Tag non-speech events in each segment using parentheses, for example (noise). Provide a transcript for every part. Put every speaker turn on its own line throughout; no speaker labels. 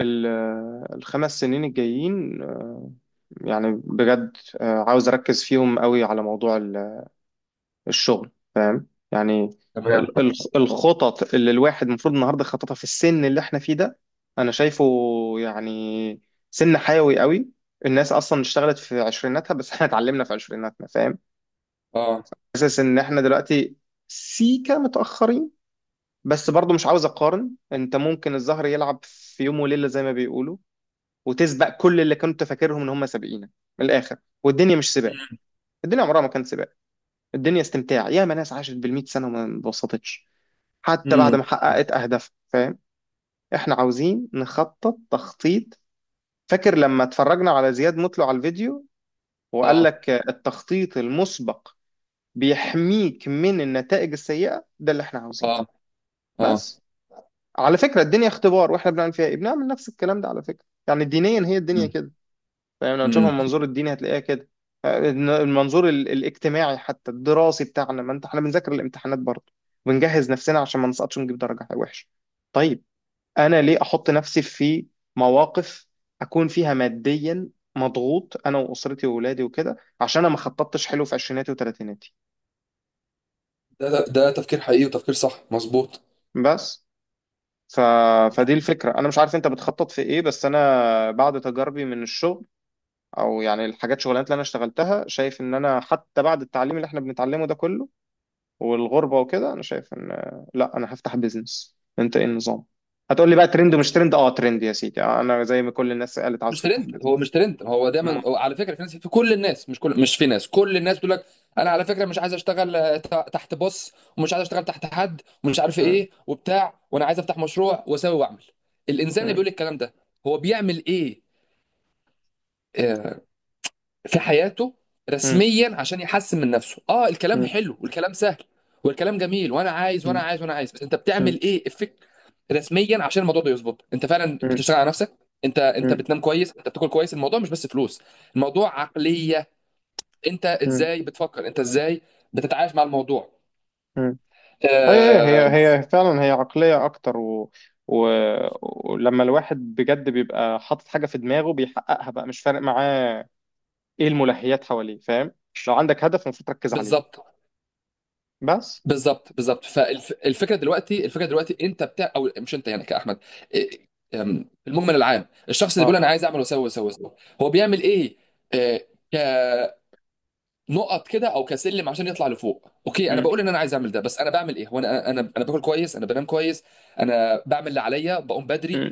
ال- الخمس سنين الجايين، يعني بجد، عاوز أركز فيهم قوي على موضوع الشغل. فاهم يعني.
تمام.
الخطط اللي الواحد المفروض النهارده خططها في السن اللي احنا فيه ده، أنا شايفه يعني سن حيوي قوي. الناس أصلا اشتغلت في عشريناتها بس (laughs) احنا اتعلمنا في عشريناتنا، فاهم؟
اه.
حاسس إن احنا دلوقتي سيكا متأخرين، بس برضو مش عاوز أقارن. أنت ممكن الزهر يلعب في يوم وليلة زي ما بيقولوا وتسبق كل اللي كنت فاكرهم ان هم سابقينك، من الاخر. والدنيا مش سباق، الدنيا عمرها ما كانت سباق. الدنيا استمتاع، ياما ناس عاشت بالمئة سنة وما انبسطتش حتى بعد
امم.
ما حققت اهدافها، فاهم؟ احنا عاوزين نخطط تخطيط. فاكر لما اتفرجنا على زياد مطلع على الفيديو وقال
اه.
لك التخطيط المسبق بيحميك من النتائج السيئة؟ ده اللي احنا عاوزينه.
اه. اه.
بس على فكرة الدنيا اختبار، واحنا بنعمل فيها ايه؟ بنعمل نفس الكلام ده على فكرة، يعني دينيا هي الدنيا كده، فاهم؟ لو تشوفها
امم.
من منظور الديني هتلاقيها كده. المنظور الاجتماعي حتى الدراسي بتاعنا، ما انت احنا بنذاكر الامتحانات برضه، بنجهز نفسنا عشان ما نسقطش ونجيب درجة وحشة. طيب، انا ليه احط نفسي في مواقف اكون فيها ماديا مضغوط، انا واسرتي واولادي وكده، عشان انا ما خططتش حلو في عشريناتي وثلاثيناتي؟
ده تفكير حقيقي وتفكير صح مظبوط.
بس ف... فدي الفكرة. انا مش عارف انت بتخطط في ايه، بس انا بعد تجاربي من الشغل او يعني الحاجات شغلانات اللي انا اشتغلتها، شايف ان انا حتى بعد التعليم اللي احنا بنتعلمه ده كله والغربة وكده، أنا شايف إن لا، أنا هفتح بيزنس. أنت إيه النظام؟ هتقول لي بقى ترند ومش ترند. أه ترند يا سيدي. أنا زي ما كل الناس قالت عاوز
مش ترند،
تفتح
هو
بيزنس.
مش ترند، هو دايما
مم.
هو على فكره. في ناس في كل الناس مش كل مش في ناس كل الناس بتقول لك: انا على فكره مش عايز اشتغل، تحت بوس، ومش عايز اشتغل تحت حد، ومش عارف
مم.
ايه وبتاع، وانا عايز افتح مشروع واسوي واعمل. الانسان اللي
مم.
بيقول الكلام ده هو بيعمل ايه آه، في حياته
مم.
رسميا عشان يحسن من نفسه؟ اه، الكلام
مم.
حلو والكلام سهل والكلام جميل، وانا عايز وانا
مم.
عايز وانا عايز، بس انت
مم.
بتعمل ايه افكت رسميا عشان الموضوع ده يظبط؟ انت فعلا
مم.
بتشتغل على نفسك؟ انت
مم.
بتنام كويس؟ انت بتاكل كويس؟ الموضوع مش بس فلوس، الموضوع عقلية. انت
مم.
ازاي بتفكر، انت ازاي بتتعايش مع الموضوع؟
مم. أيوه أيوه،
آه.
هي هي فعلا هي عقلية أكتر، و... ولما الواحد بجد بيبقى حاطط حاجة في دماغه بيحققها بقى، مش فارق معاه إيه الملهيات حواليه، فاهم؟ لو عندك هدف المفروض تركز عليه.
بالظبط،
بس.
بالظبط. بالظبط، فالفكره دلوقتي، الفكره دلوقتي، انت بتاع او مش انت يعني كاحمد، إيه، أم، في المجمل العام، الشخص اللي بيقول
أه.
انا عايز اعمل واسوي واسوي واسوي، هو بيعمل ايه؟ إيه، نقط كده او كسلم عشان يطلع لفوق؟ اوكي، انا
مم.
بقول ان انا عايز اعمل ده، بس انا بعمل ايه؟ وانا انا باكل كويس، انا بنام كويس، انا بعمل اللي عليا، بقوم بدري،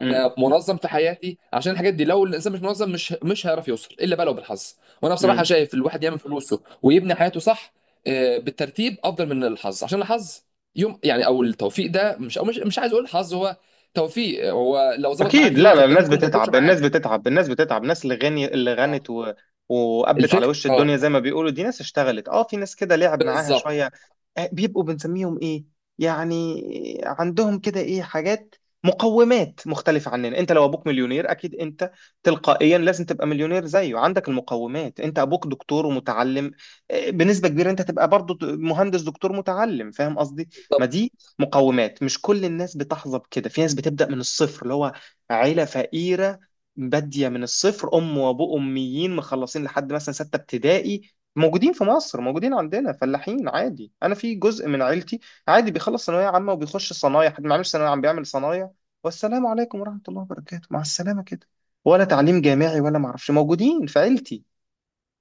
مم.
انا منظم في حياتي، عشان الحاجات دي لو الانسان مش منظم مش هيعرف يوصل الا بقى لو بالحظ. وانا بصراحه
مم.
شايف الواحد يعمل فلوسه ويبني حياته صح، بالترتيب، افضل من الحظ، عشان الحظ يوم يعني، او التوفيق ده، مش، او مش عايز اقول حظ، هو توفيق، هو لو ظبط
اكيد.
معاك يوم
لا لا،
فالتاني
الناس
ممكن ما يظبطش
بتتعب، الناس
معاك.
بتتعب، الناس بتتعب. الناس اللي غني اللي
اه،
غنت وقبت على
الفكره،
وش الدنيا زي
اه.
ما بيقولوا، دي ناس اشتغلت. اه، في ناس كده لعب معاها
بالظبط،
شويه. بيبقوا بنسميهم ايه يعني؟ عندهم كده ايه حاجات، مقومات مختلفه عننا. انت لو ابوك مليونير اكيد انت تلقائيا لازم تبقى مليونير زيه، عندك المقومات. انت ابوك دكتور ومتعلم، بنسبه كبيره انت تبقى برضه مهندس دكتور متعلم، فاهم قصدي؟ ما
بالظبط.
دي مقومات، مش كل الناس بتحظى بكده. في ناس بتبدا من الصفر، اللي هو عيلة فقيرة، بادية من الصفر، أم وأبوه أميين مخلصين لحد مثلا ستة ابتدائي. موجودين في مصر، موجودين عندنا فلاحين عادي. أنا في جزء من عيلتي عادي بيخلص ثانوية عامة وبيخش صنايع، حد ما عملش ثانوية عامة بيعمل صنايع، والسلام عليكم ورحمة الله وبركاته، مع السلامة كده. ولا تعليم جامعي ولا معرفش، موجودين في عيلتي،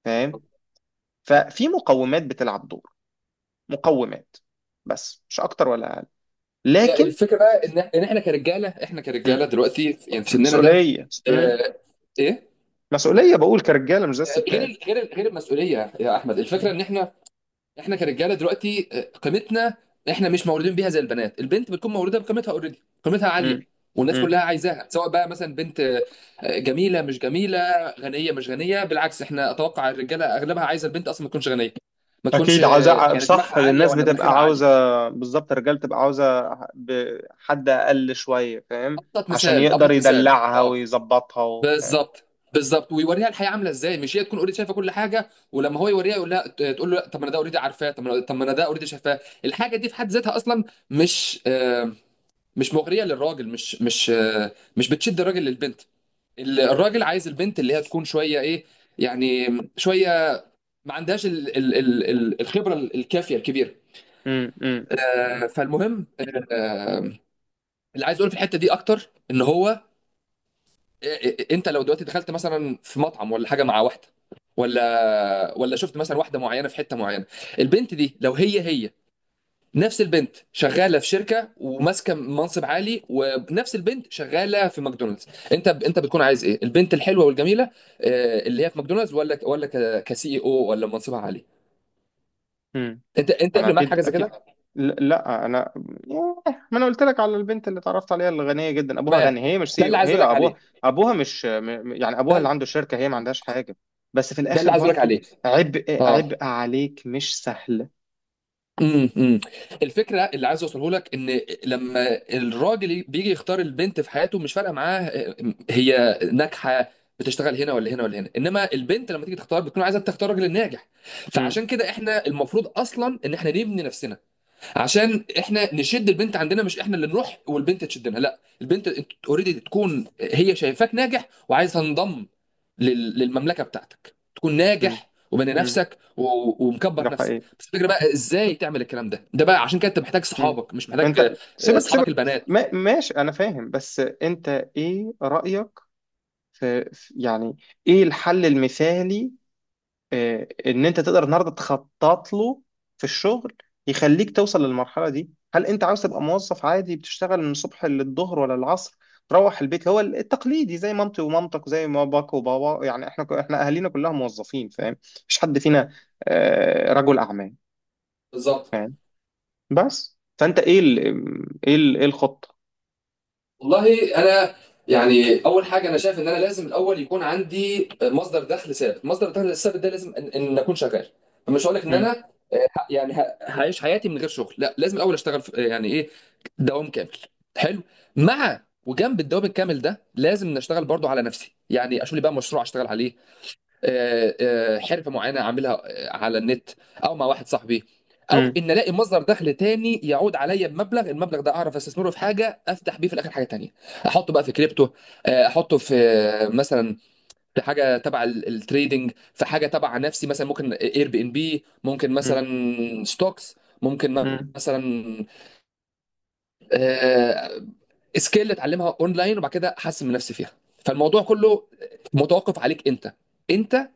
فاهم؟ ففي مقومات بتلعب دور، مقومات، بس مش أكتر ولا أقل.
هي
لكن
الفكره بقى ان احنا كرجاله، احنا
م-
كرجاله دلوقتي يعني في سننا ده،
مسؤولية،
آه، ايه،
مسؤولية، بقول كرجالة مش زي الستات.
غير المسؤوليه يا احمد. الفكره ان احنا كرجاله دلوقتي، قيمتنا، احنا مش مولودين بيها زي البنات. البنت بتكون مولوده بقيمتها اوريدي، قيمتها
مم.
عاليه، والناس
مم.
كلها عايزاها، سواء بقى مثلا بنت جميله مش جميله، غنيه مش غنيه. بالعكس، احنا اتوقع الرجاله اغلبها عايزه البنت اصلا ما تكونش غنيه، ما تكونش
اكيد عاوزة،
يعني دماغها
صح.
عاليه
الناس
ولا
بتبقى
مناخيرها عاليه.
عاوزة، بالظبط. الرجال بتبقى عاوزة حد اقل شوية، فاهم؟
ابسط
عشان
مثال،
يقدر
ابسط مثال،
يدلعها
اه.
ويظبطها فاهم؟
بالظبط، بالظبط. ويوريها الحياه عامله ازاي، مش هي تكون اوريدي شايفه كل حاجه، ولما هو يوريها يقول لها، تقول له لأ، طب ما انا ده اوريدي عارفاه، طب ما انا ده اوريدي شايفاه. الحاجه دي في حد ذاتها اصلا مش آه، مش مغريه للراجل، مش بتشد الراجل للبنت. الراجل عايز البنت اللي هي تكون شويه ايه، يعني، شويه ما عندهاش الخبره الكافيه الكبيره.
مم. مم.
فالمهم، آه، اللي عايز اقوله في الحته دي اكتر ان هو انت لو دلوقتي دخلت مثلا في مطعم ولا حاجه مع واحده، ولا شفت مثلا واحده معينه في حته معينه، البنت دي لو هي نفس البنت شغاله في شركه وماسكه منصب عالي، ونفس البنت شغاله في ماكدونالدز، انت بتكون عايز ايه؟ البنت الحلوه والجميله، اللي هي في ماكدونالدز، ولا كسي، او ولا منصبها عالي؟
مم.
انت
انا
قبل معاك حاجه
اكيد
زي كده؟
اكيد. لا انا، ياه، ما انا قلت لك على البنت اللي اتعرفت عليها، اللي غنية جدا، ابوها
تمام.
غني، هي مش
ده
سي،
اللي عايز
هي
اقول لك
ابوها.
عليه.
ابوها مش يعني ابوها
ده
اللي عنده شركة، هي ما عندهاش حاجة. بس في
ده اللي
الاخر
عايز اقول لك
برضو
عليه.
عبء،
اه.
عبء عليك، مش سهل.
امم. امم. الفكره اللي عايز اوصله لك، ان لما الراجل بيجي يختار البنت في حياته، مش فارقه معاه هي ناجحه، بتشتغل هنا ولا هنا ولا هنا. انما البنت لما تيجي تختار، بتكون عايزه تختار راجل ناجح.
مم.
فعشان كده، احنا المفروض اصلا ان احنا نبني نفسنا، عشان احنا نشد البنت عندنا، مش احنا اللي نروح والبنت تشدنا. لا، البنت اوريدي تكون هي شايفاك ناجح وعايزه تنضم للمملكه بتاعتك. تكون
مم.
ناجح، وبني
مم.
نفسك، ومكبر
ده
نفسك.
حقيقي.
بس الفكره بقى ازاي تعمل الكلام ده. ده بقى عشان كده انت محتاج
مم.
صحابك، مش محتاج
انت سيبك
اصحابك
سيبك.
البنات.
ما ماشي، انا فاهم. بس انت ايه رأيك يعني ايه الحل المثالي، اه، ان انت تقدر النهارده تخطط له في الشغل يخليك توصل للمرحلة دي؟ هل انت عاوز تبقى موظف عادي بتشتغل من الصبح للظهر ولا العصر، تروح البيت؟ هو التقليدي، زي مامتي ومامتك وزي ما باك وبابا، يعني احنا احنا اهالينا كلها موظفين، فاهم؟ مفيش حد فينا اه، رجل اعمال،
بالظبط.
فاهم؟ بس فانت ايه ايه الخطة؟
والله انا يعني اول حاجه، انا شايف ان انا لازم الاول يكون عندي مصدر دخل ثابت. مصدر الدخل الثابت ده لازم إن اكون شغال. مش هقول لك ان
مم.
انا هعيش حياتي من غير شغل، لا، لازم الاول اشتغل في يعني ايه، دوام كامل. حلو. مع، وجنب الدوام الكامل ده لازم نشتغل برضو على نفسي، يعني اشوف لي بقى مشروع اشتغل عليه، حرفه معينه اعملها على النت، او مع واحد صاحبي، او
مم.
ان الاقي مصدر دخل تاني يعود عليا بمبلغ، المبلغ ده اعرف استثمره في حاجه، افتح بيه في الاخر حاجه تانية. احطه بقى في كريبتو، احطه في مثلا في حاجه تبع التريدينج، في حاجه تبع نفسي، مثلا ممكن اير بي ان بي، ممكن
مم.
مثلا ستوكس، ممكن
مم.
مثلا آه، سكيل اتعلمها اونلاين وبعد كده احسن من نفسي فيها. فالموضوع كله متوقف عليك انت. انت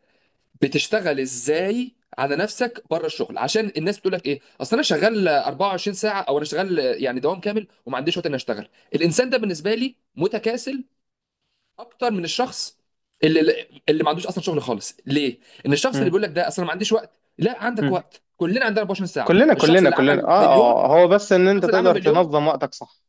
بتشتغل ازاي على نفسك بره الشغل؟ عشان الناس بتقول لك ايه: اصل انا شغال 24 ساعه، او انا شغال يعني دوام كامل وما عنديش وقت اني اشتغل. الانسان ده بالنسبه لي متكاسل اكتر من الشخص اللي ما عندوش اصلا شغل خالص. ليه؟ ان الشخص اللي
مم.
بيقول لك ده اصلا ما عنديش وقت، لا، عندك
مم.
وقت، كلنا عندنا 24 ساعه.
كلنا
الشخص
كلنا
اللي
كلنا،
عمل
اه
مليون،
اه، هو بس ان انت
الشخص اللي عمل
تقدر
مليون.
تنظم وقتك صح.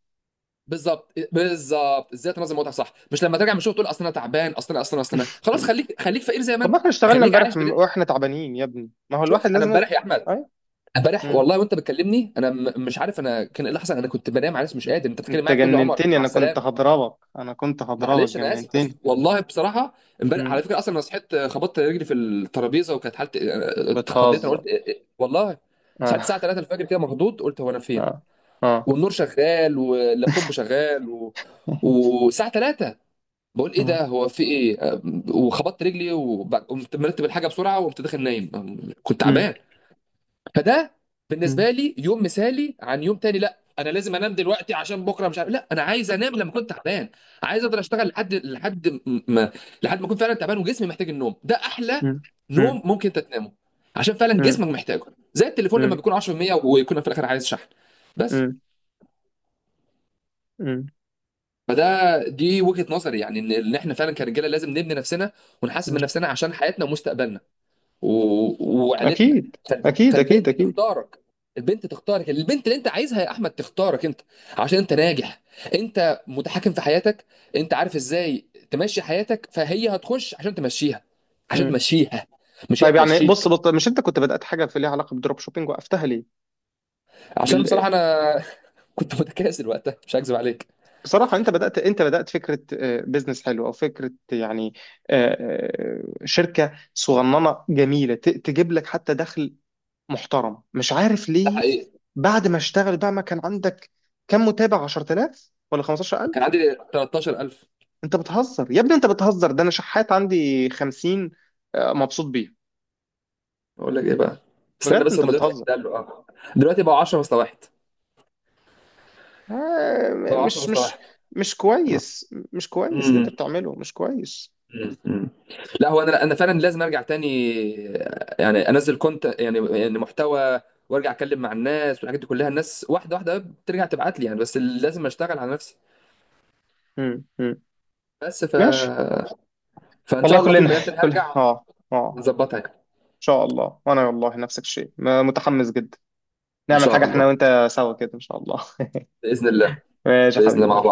بالظبط، بالظبط. ازاي تنظم وقتك صح، مش لما ترجع من الشغل تقول اصل انا تعبان، اصل انا
(laughs)
خلاص،
مم.
خليك، خليك فقير زي ما
طب ما
انت.
احنا اشتغلنا
خليك
امبارح
عايش بال.
واحنا تعبانين يا ابني، ما هو
شفت
الواحد
انا
لازم.
امبارح يا احمد،
ايوه.
امبارح
مم.
والله، وانت بتكلمني، انا مش عارف انا كان ايه اللي حصل، انا كنت بنام، عارف، مش قادر، انت بتتكلم
انت
معايا بتقول لي عمر
جننتني،
مع
انا كنت
السلامه.
هضربك، انا كنت هضربك،
معلش، انا اسف، بس
جننتني.
والله بصراحه امبارح، على
مم.
فكره، اصلا انا صحيت، خبطت رجلي في الترابيزه، وكانت حالتي اتخضيت، انا
بتهزر.
قلت إيه، إيه والله. صحيت
اه
الساعه 3 الفجر كده مخضوض، قلت هو انا فين،
اه اه.
والنور شغال، واللابتوب شغال،
مم.
والساعه 3، بقول ايه ده، هو في ايه، وخبطت رجلي، وقمت مرتب الحاجه بسرعه، وقمت داخل نايم، كنت
مم.
تعبان. فده
مم.
بالنسبه لي يوم مثالي، عن يوم تاني لا انا لازم انام دلوقتي عشان بكره مش عارف. لا، انا عايز انام لما كنت تعبان، عايز اقدر اشتغل لحد لحد ما لحد ما اكون فعلا تعبان وجسمي محتاج النوم، ده احلى
مم.
نوم ممكن تتنامه، عشان فعلا
مم.
جسمك محتاجه. زي التليفون لما
مم.
بيكون 10% ويكون في الاخر عايز شحن. بس،
مم.
فده، دي وجهة نظري، يعني ان احنا فعلا كرجاله لازم نبني نفسنا، ونحاسب من
مم.
نفسنا، عشان حياتنا ومستقبلنا وعيلتنا.
اكيد اكيد اكيد
فالبنت
اكيد.
تختارك، البنت تختارك، البنت اللي انت عايزها يا احمد تختارك انت عشان انت ناجح، انت متحكم في حياتك، انت عارف ازاي تمشي حياتك، فهي هتخش عشان تمشيها، عشان تمشيها، مش هي
طيب يعني
تمشيك.
بص بص، مش انت كنت بدأت حاجه ليها علاقه بالدروب شوبينج، وقفتها ليه؟
عشان
بال...
بصراحة انا (laughs) كنت متكاسل وقتها، مش هكذب عليك.
بصراحه انت بدأت، فكره، بيزنس حلو او فكره يعني، آه، شركه صغننه جميله تجيب لك حتى دخل محترم، مش عارف
ده
ليه.
حقيقي.
بعد ما اشتغل بقى ما كان عندك كم متابع، 10000 ولا 15000؟
كان عندي 13,000.
انت بتهزر يا ابني، انت بتهزر، ده انا شحات عندي 50، مبسوط بيه.
اقول لك ايه بقى، استنى
بجد
بس
انت
المدير اتاكد،
بتهزر.
قال له اه. دلوقتي بقوا 10 مساواحد،
آه،
بقوا 10
مش مش
مساواحد.
مش كويس. مش كويس اللي انت بتعمله، مش كويس.
مم. مم. لا، هو انا فعلا لازم ارجع تاني، يعني انزل كونت، يعني محتوى، وارجع اتكلم مع الناس والحاجات دي كلها. الناس واحده واحده بترجع تبعت لي يعني، بس لازم اشتغل على نفسي.
مم. مم.
بس ف
ماشي.
فان شاء
والله
الله في يوم
كلنا،
من الايام تاني هرجع
اه اه.
نظبطها.
ان شاء الله. وانا والله نفس الشيء، متحمس جدا،
ان
نعمل حاجة
شاء
احنا
الله.
وانت سوا كده، ان شاء الله.
باذن الله.
(laughs) ماشي يا
باذن الله مع
حبيبي.
بعض.